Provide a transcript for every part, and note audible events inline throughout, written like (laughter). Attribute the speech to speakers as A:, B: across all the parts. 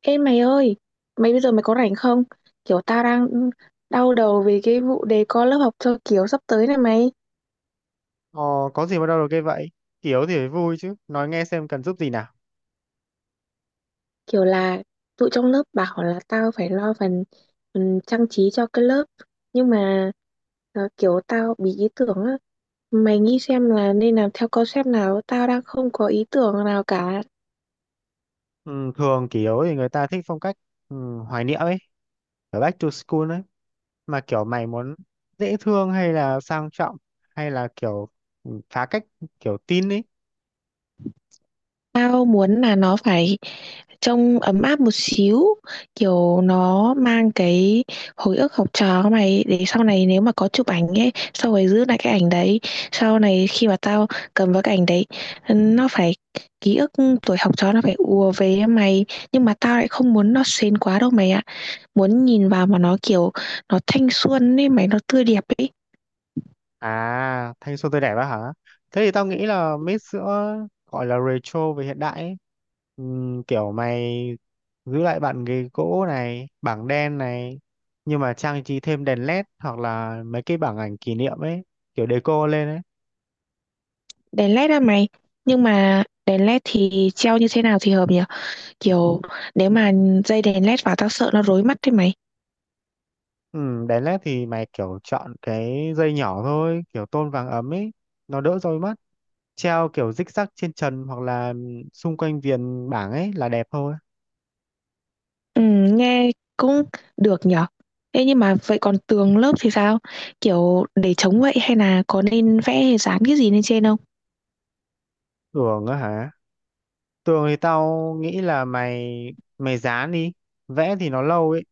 A: Ê mày ơi, mày bây giờ có rảnh không? Kiểu tao đang đau đầu về cái vụ đề co lớp học cho kiểu sắp tới này mày.
B: Ờ, có gì mà đâu được cái vậy? Kỷ yếu thì phải vui chứ. Nói nghe xem cần giúp gì nào.
A: Kiểu là tụi trong lớp bảo là tao phải lo phần, phần trang trí cho cái lớp. Nhưng mà kiểu tao bị ý tưởng á. Mày nghĩ xem là nên làm theo concept nào, tao đang không có ý tưởng nào cả.
B: Ừ, thường kỷ yếu thì người ta thích phong cách ừ, hoài niệm ấy, kiểu back to school ấy. Mà kiểu mày muốn dễ thương hay là sang trọng hay là kiểu phá cách kiểu teen ấy.
A: Tao muốn là nó phải trông ấm áp một xíu, kiểu nó mang cái hồi ức học trò của mày để sau này nếu mà có chụp ảnh ấy, sau rồi giữ lại cái ảnh đấy. Sau này khi mà tao cầm vào cái ảnh đấy, nó phải ký ức tuổi học trò nó phải ùa về với mày, nhưng mà tao lại không muốn nó sến quá đâu mày ạ, muốn nhìn vào mà nó kiểu nó thanh xuân ấy mày, nó tươi đẹp ấy.
B: À, thanh xuân tươi đẹp á hả? Thế thì tao nghĩ là mix giữa gọi là retro với hiện đại ấy. Kiểu mày giữ lại bàn ghế gỗ này, bảng đen này, nhưng mà trang trí thêm đèn LED hoặc là mấy cái bảng ảnh kỷ niệm ấy, kiểu deco lên ấy.
A: Đèn led á mày, nhưng mà đèn led thì treo như thế nào thì hợp nhỉ? Kiểu nếu mà dây đèn led vào tao sợ nó rối mắt thế mày.
B: Đèn LED thì mày kiểu chọn cái dây nhỏ thôi, kiểu tôn vàng ấm ấy, nó đỡ rối mắt. Treo kiểu rích rắc trên trần hoặc là xung quanh viền bảng ấy là đẹp thôi.
A: Ừ, nghe cũng được nhở. Thế nhưng mà vậy còn tường lớp thì sao? Kiểu để chống vậy hay là có nên vẽ hay dán cái gì lên trên không?
B: Tưởng á hả? Tường thì tao nghĩ là mày mày dán đi, vẽ thì nó lâu ấy.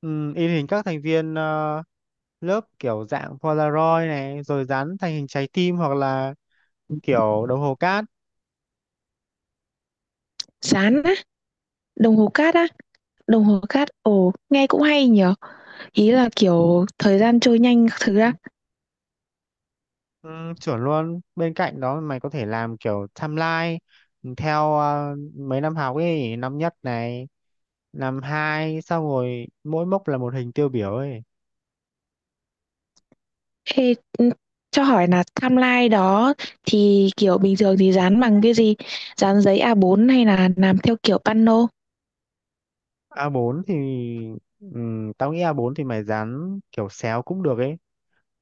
B: Ừ, in hình các thành viên lớp kiểu dạng Polaroid này, rồi dán thành hình trái tim hoặc là kiểu đồng hồ cát.
A: Dán á, đồng hồ cát á, đồng hồ cát. Ồ, nghe cũng hay nhở. Ý là kiểu thời gian trôi nhanh các thứ á.
B: Ừ, chuẩn luôn. Bên cạnh đó mày có thể làm kiểu timeline theo mấy năm học ấy, năm nhất này, năm hai, xong rồi mỗi mốc là một hình tiêu biểu ấy.
A: Ê, ừ, cho hỏi là timeline đó thì kiểu bình thường thì dán bằng cái gì? Dán giấy a bốn hay là làm theo kiểu pano?
B: A4 thì ừ, tao nghĩ A4 thì mày dán kiểu xéo cũng được ấy.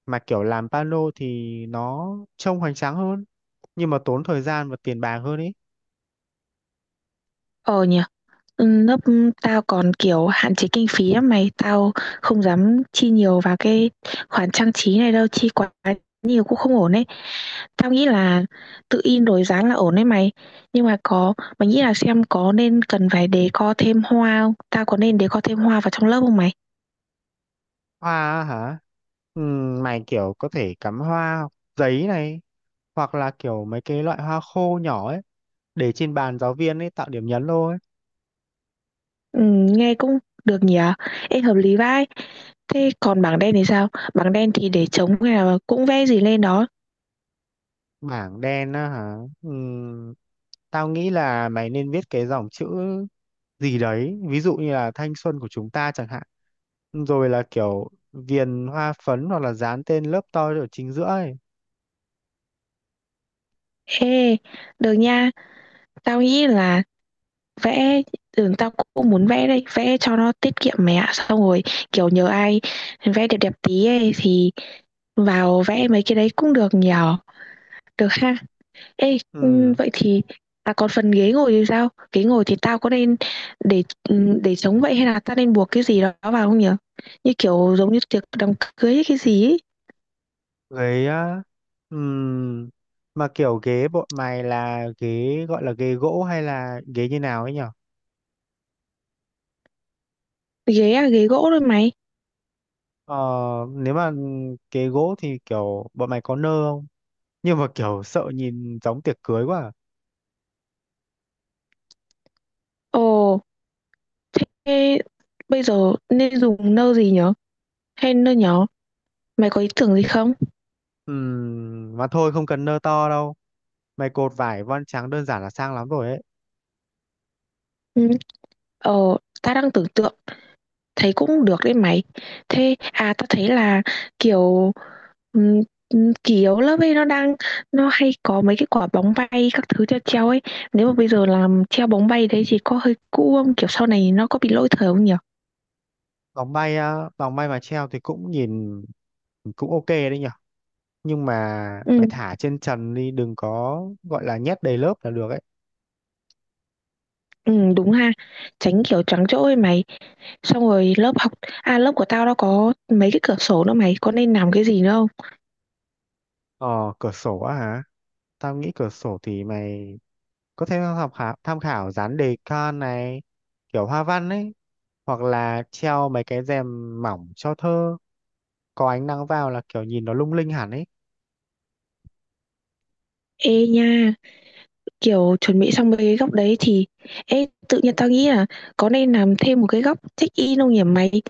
B: Mà kiểu làm pano thì nó trông hoành tráng hơn nhưng mà tốn thời gian và tiền bạc hơn ấy.
A: Ờ nhỉ. Ừ, lớp tao còn kiểu hạn chế kinh phí lắm mày, tao không dám chi nhiều vào cái khoản trang trí này đâu, chi quá nhiều cũng không ổn ấy. Tao nghĩ là tự in rồi dán là ổn đấy mày, nhưng mà có mày nghĩ là xem có nên cần phải đề co thêm hoa không, tao có nên đề co thêm hoa vào trong lớp không mày?
B: Hoa á hả? Mày kiểu có thể cắm hoa hoặc giấy này hoặc là kiểu mấy cái loại hoa khô nhỏ ấy để trên bàn giáo viên ấy tạo điểm nhấn thôi.
A: Ừ, nghe cũng được nhỉ. Ê hợp lý vai, thế còn bảng đen thì sao? Bảng đen thì để trống hay là cũng vẽ gì lên đó?
B: Bảng đen á hả? Ừm, Tao nghĩ là mày nên viết cái dòng chữ gì đấy ví dụ như là thanh xuân của chúng ta chẳng hạn rồi là kiểu viền hoa phấn hoặc là dán tên lớp tôi ở chính giữa ấy.
A: Ê, được nha. Tao nghĩ là vẽ, tao cũng muốn vẽ đây, vẽ cho nó tiết kiệm mẹ ạ, xong rồi kiểu nhờ ai vẽ đẹp đẹp tí ấy thì vào vẽ mấy cái đấy cũng được nhờ, được ha. Ê ừ,
B: Ừ.
A: vậy thì à còn phần ghế ngồi thì sao? Ghế ngồi thì tao có nên để, để trống vậy hay là tao nên buộc cái gì đó vào không nhở? Như kiểu giống như tiệc đám cưới hay cái gì ấy.
B: Ghế á? ừm, mà kiểu ghế bọn mày là ghế gọi là ghế gỗ hay là ghế như nào ấy nhở?
A: Ghế à, ghế gỗ thôi mày.
B: ờ, Nếu mà ghế gỗ thì kiểu bọn mày có nơ không? (laughs) Nhưng mà kiểu sợ nhìn giống tiệc cưới quá à.
A: Ồ, thế bây giờ nên dùng nơ gì nhở? Hay nơ nhỏ? Mày có ý tưởng gì không?
B: Mà thôi không cần nơ to đâu mày cột vải voan trắng đơn giản là sang lắm rồi ấy.
A: Ừ. Ờ, ta đang tưởng tượng, thấy cũng được đấy mày. Thế, à ta thấy là kiểu ừm, kỷ yếu lớp ấy nó đang, nó hay có mấy cái quả bóng bay các thứ treo treo ấy. Nếu mà bây giờ làm treo bóng bay đấy thì có hơi cũ không? Kiểu sau này nó có bị lỗi thời không nhỉ?
B: Vòng bay á, vòng bay mà treo thì cũng nhìn cũng ok đấy nhở. Nhưng mà
A: Ừ,
B: mày thả trên trần đi đừng có gọi là nhét đầy lớp là được ấy.
A: ừ, đúng ha. Tránh kiểu trắng chỗ ấy mày. Xong rồi lớp học, à lớp của tao nó có mấy cái cửa sổ nữa mày. Có nên làm cái gì nữa không?
B: Ờ, cửa sổ á hả? Tao nghĩ cửa sổ thì mày có thể tham khảo dán đề can này, kiểu hoa văn ấy, hoặc là treo mấy cái rèm mỏng cho thơ, có ánh nắng vào là kiểu nhìn nó lung linh hẳn ấy.
A: Ê nha. Kiểu, chuẩn bị xong mấy cái góc đấy thì ê, tự nhiên tao nghĩ là có nên làm thêm một cái góc check-in không nhỉ mày?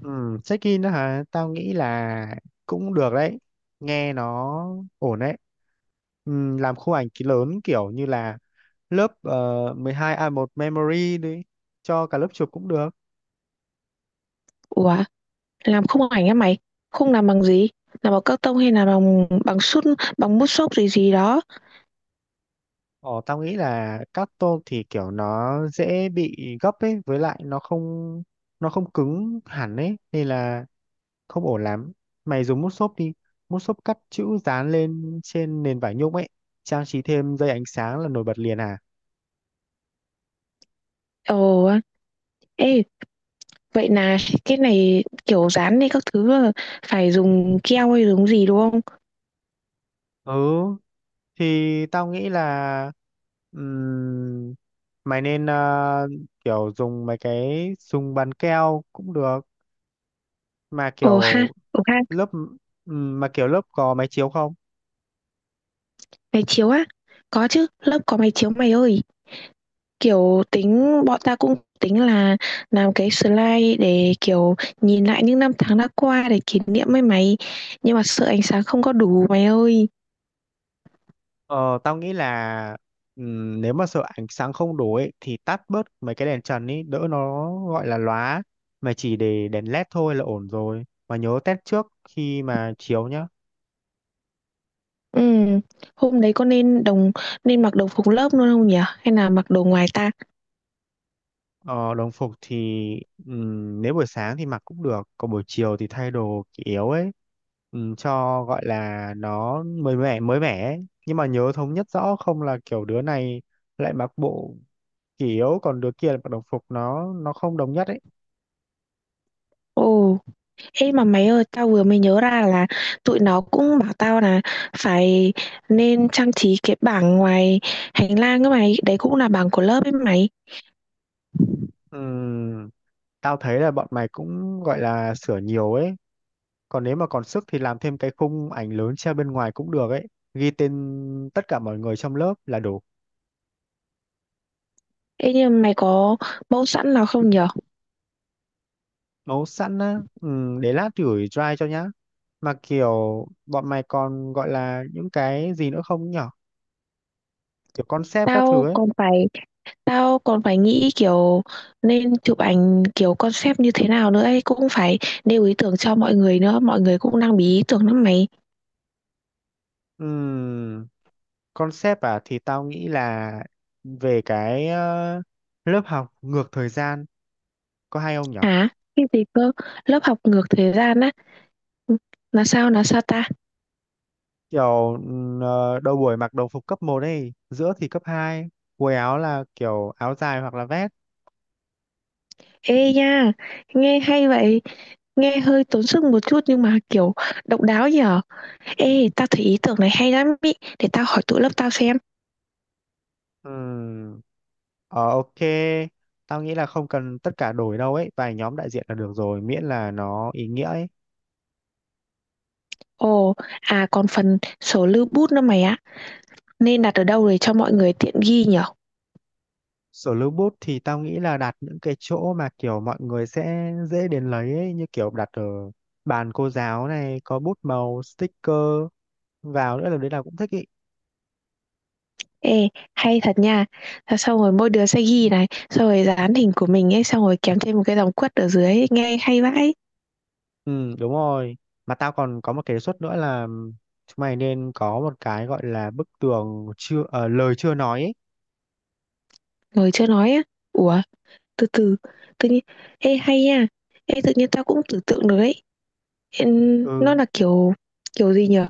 B: Ừ, check-in đó hả? Tao nghĩ là cũng được đấy, nghe nó ổn đấy. Ừ, làm khu ảnh ký lớn kiểu như là lớp 12A1 Memory đi, cho cả lớp chụp cũng được.
A: Ủa, làm khung ảnh á mày? Không, làm bằng gì? Làm bằng cắt tông hay là bằng bằng sút, bằng mút xốp gì gì đó?
B: Ồ, tao nghĩ là các tôm thì kiểu nó dễ bị gấp ấy, với lại nó không cứng hẳn ấy, nên là không ổn lắm. Mày dùng mút xốp đi, mút xốp cắt chữ dán lên trên nền vải nhung ấy, trang trí thêm dây ánh sáng là nổi bật liền à?
A: Ồ, ê, vậy là cái này kiểu dán hay các thứ là phải dùng keo hay dùng gì đúng không?
B: Ừ, thì tao nghĩ là ừm, mày nên kiểu dùng mấy cái dùng bàn keo cũng được, mà kiểu
A: Ồ ha,
B: lớp mà kiểu lớp có máy chiếu không?
A: máy chiếu á? Có chứ, lớp có máy chiếu mày ơi. Kiểu, tính bọn ta cũng tính là làm cái slide để, kiểu, nhìn lại những năm tháng đã qua để kỷ niệm ấy mày, nhưng mà sợ ánh sáng không có đủ mày ơi.
B: Ờ, tao nghĩ là nếu mà sợ ánh sáng không đủ ấy, thì tắt bớt mấy cái đèn trần ấy, đỡ nó gọi là lóa. Mà chỉ để đèn LED thôi là ổn rồi. Mà nhớ test trước khi mà chiếu nhá.
A: Ừm, Hôm đấy có nên đồng nên mặc đồng phục lớp luôn không nhỉ? Hay là mặc đồ ngoài ta?
B: Ờ, đồng phục thì nếu buổi sáng thì mặc cũng được, còn buổi chiều thì thay đồ kỷ yếu ấy. Cho gọi là nó mới mẻ ấy. Nhưng mà nhớ thống nhất rõ không là kiểu đứa này lại mặc bộ kỷ yếu còn đứa kia lại mặc đồng phục nó không đồng nhất ấy.
A: Ồ, ê mà mày ơi, tao vừa mới nhớ ra là tụi nó cũng bảo tao là phải nên trang trí cái bảng ngoài hành lang các mày, đấy cũng là bảng của lớp ấy mày.
B: Ừm, Tao thấy là bọn mày cũng gọi là sửa nhiều ấy. Còn nếu mà còn sức thì làm thêm cái khung ảnh lớn treo bên ngoài cũng được ấy. Ghi tên tất cả mọi người trong lớp là đủ.
A: Ê nhưng mà mày có mẫu sẵn nào không nhỉ?
B: Nấu sẵn á. Ừ, để lát gửi drive cho nhá. Mà kiểu bọn mày còn gọi là những cái gì nữa không nhở? Kiểu concept các thứ
A: Tao
B: ấy.
A: còn phải Tao còn phải nghĩ kiểu nên chụp ảnh kiểu concept như thế nào nữa ấy. Cũng phải nêu ý tưởng cho mọi người nữa. Mọi người cũng đang bí ý tưởng lắm mày.
B: Ừ, concept à thì tao nghĩ là về cái lớp học ngược thời gian có hay không nhở?
A: Hả? Cái gì cơ? Lớp học ngược thời gian á. Ừ, là sao? Là sao ta?
B: Kiểu đầu buổi mặc đồng phục cấp một ấy giữa thì cấp 2, quần áo là kiểu áo dài hoặc là vest.
A: Ê nha! Nghe hay vậy. Nghe hơi tốn sức một chút nhưng mà kiểu độc đáo nhở. Ê, tao thấy ý tưởng này hay lắm ý. Để tao hỏi tụi lớp tao xem.
B: Ừm, ok, tao nghĩ là không cần tất cả đổi đâu ấy vài nhóm đại diện là được rồi miễn là nó ý nghĩa ấy.
A: Ồ, à còn phần sổ lưu bút nữa mày ạ. Nên đặt ở đâu để cho mọi người tiện ghi nhở?
B: Sổ lưu bút thì tao nghĩ là đặt những cái chỗ mà kiểu mọi người sẽ dễ đến lấy ấy như kiểu đặt ở bàn cô giáo này có bút màu sticker vào nữa là đấy là cũng thích ý.
A: Ê, hay thật nha. Thế xong rồi mỗi đứa sẽ ghi này, xong rồi dán hình của mình ấy, xong rồi kèm thêm một cái dòng quất ở dưới ấy, nghe hay vãi.
B: Ừ, đúng rồi. Mà tao còn có một cái đề xuất nữa là chúng mày nên có một cái gọi là bức tường chưa ờ, lời chưa nói ấy.
A: Rồi chưa nói á. Ủa, từ từ, tự nhiên, ê hay nha. Ê, tự nhiên tao cũng tưởng tượng được ấy. Ê, nó
B: Ừ,
A: là kiểu, kiểu gì nhở?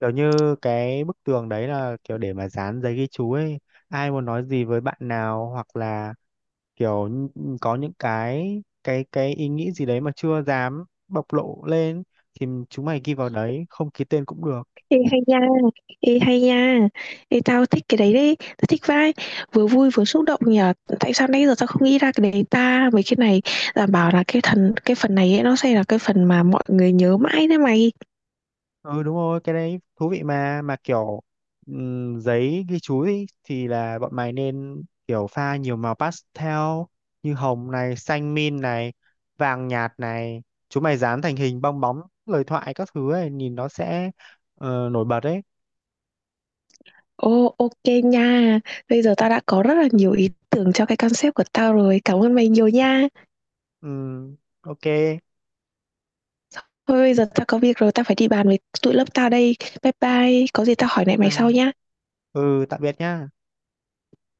B: kiểu như cái bức tường đấy là kiểu để mà dán giấy ghi chú ấy. Ai muốn nói gì với bạn nào hoặc là kiểu có những cái ý nghĩ gì đấy mà chưa dám bộc lộ lên thì chúng mày ghi vào đấy, không ký tên cũng được.
A: Ê hay nha, ê hay nha. Ê, tao thích cái đấy đấy, tao thích vãi. Vừa vui vừa xúc động nhở. Tại sao nãy giờ tao không nghĩ ra cái đấy ta? Mấy cái này đảm bảo là cái thần, cái phần này ấy, nó sẽ là cái phần mà mọi người nhớ mãi đấy mày.
B: Ừ đúng rồi cái đấy thú vị mà kiểu giấy ghi chú ý, thì là bọn mày nên kiểu pha nhiều màu pastel như hồng này xanh min này vàng nhạt này chúng mày dán thành hình bong bóng lời thoại các thứ ấy nhìn nó sẽ nổi bật đấy.
A: Ồ, ok nha. Bây giờ tao đã có rất là nhiều ý tưởng cho cái concept của tao rồi. Cảm ơn mày nhiều nha.
B: Ừm, ok,
A: Thôi bây giờ tao có việc rồi, tao phải đi bàn với tụi lớp tao đây. Bye bye. Có gì tao hỏi
B: bye
A: lại mày sau
B: bye.
A: nha.
B: Ừ, tạm biệt nhá.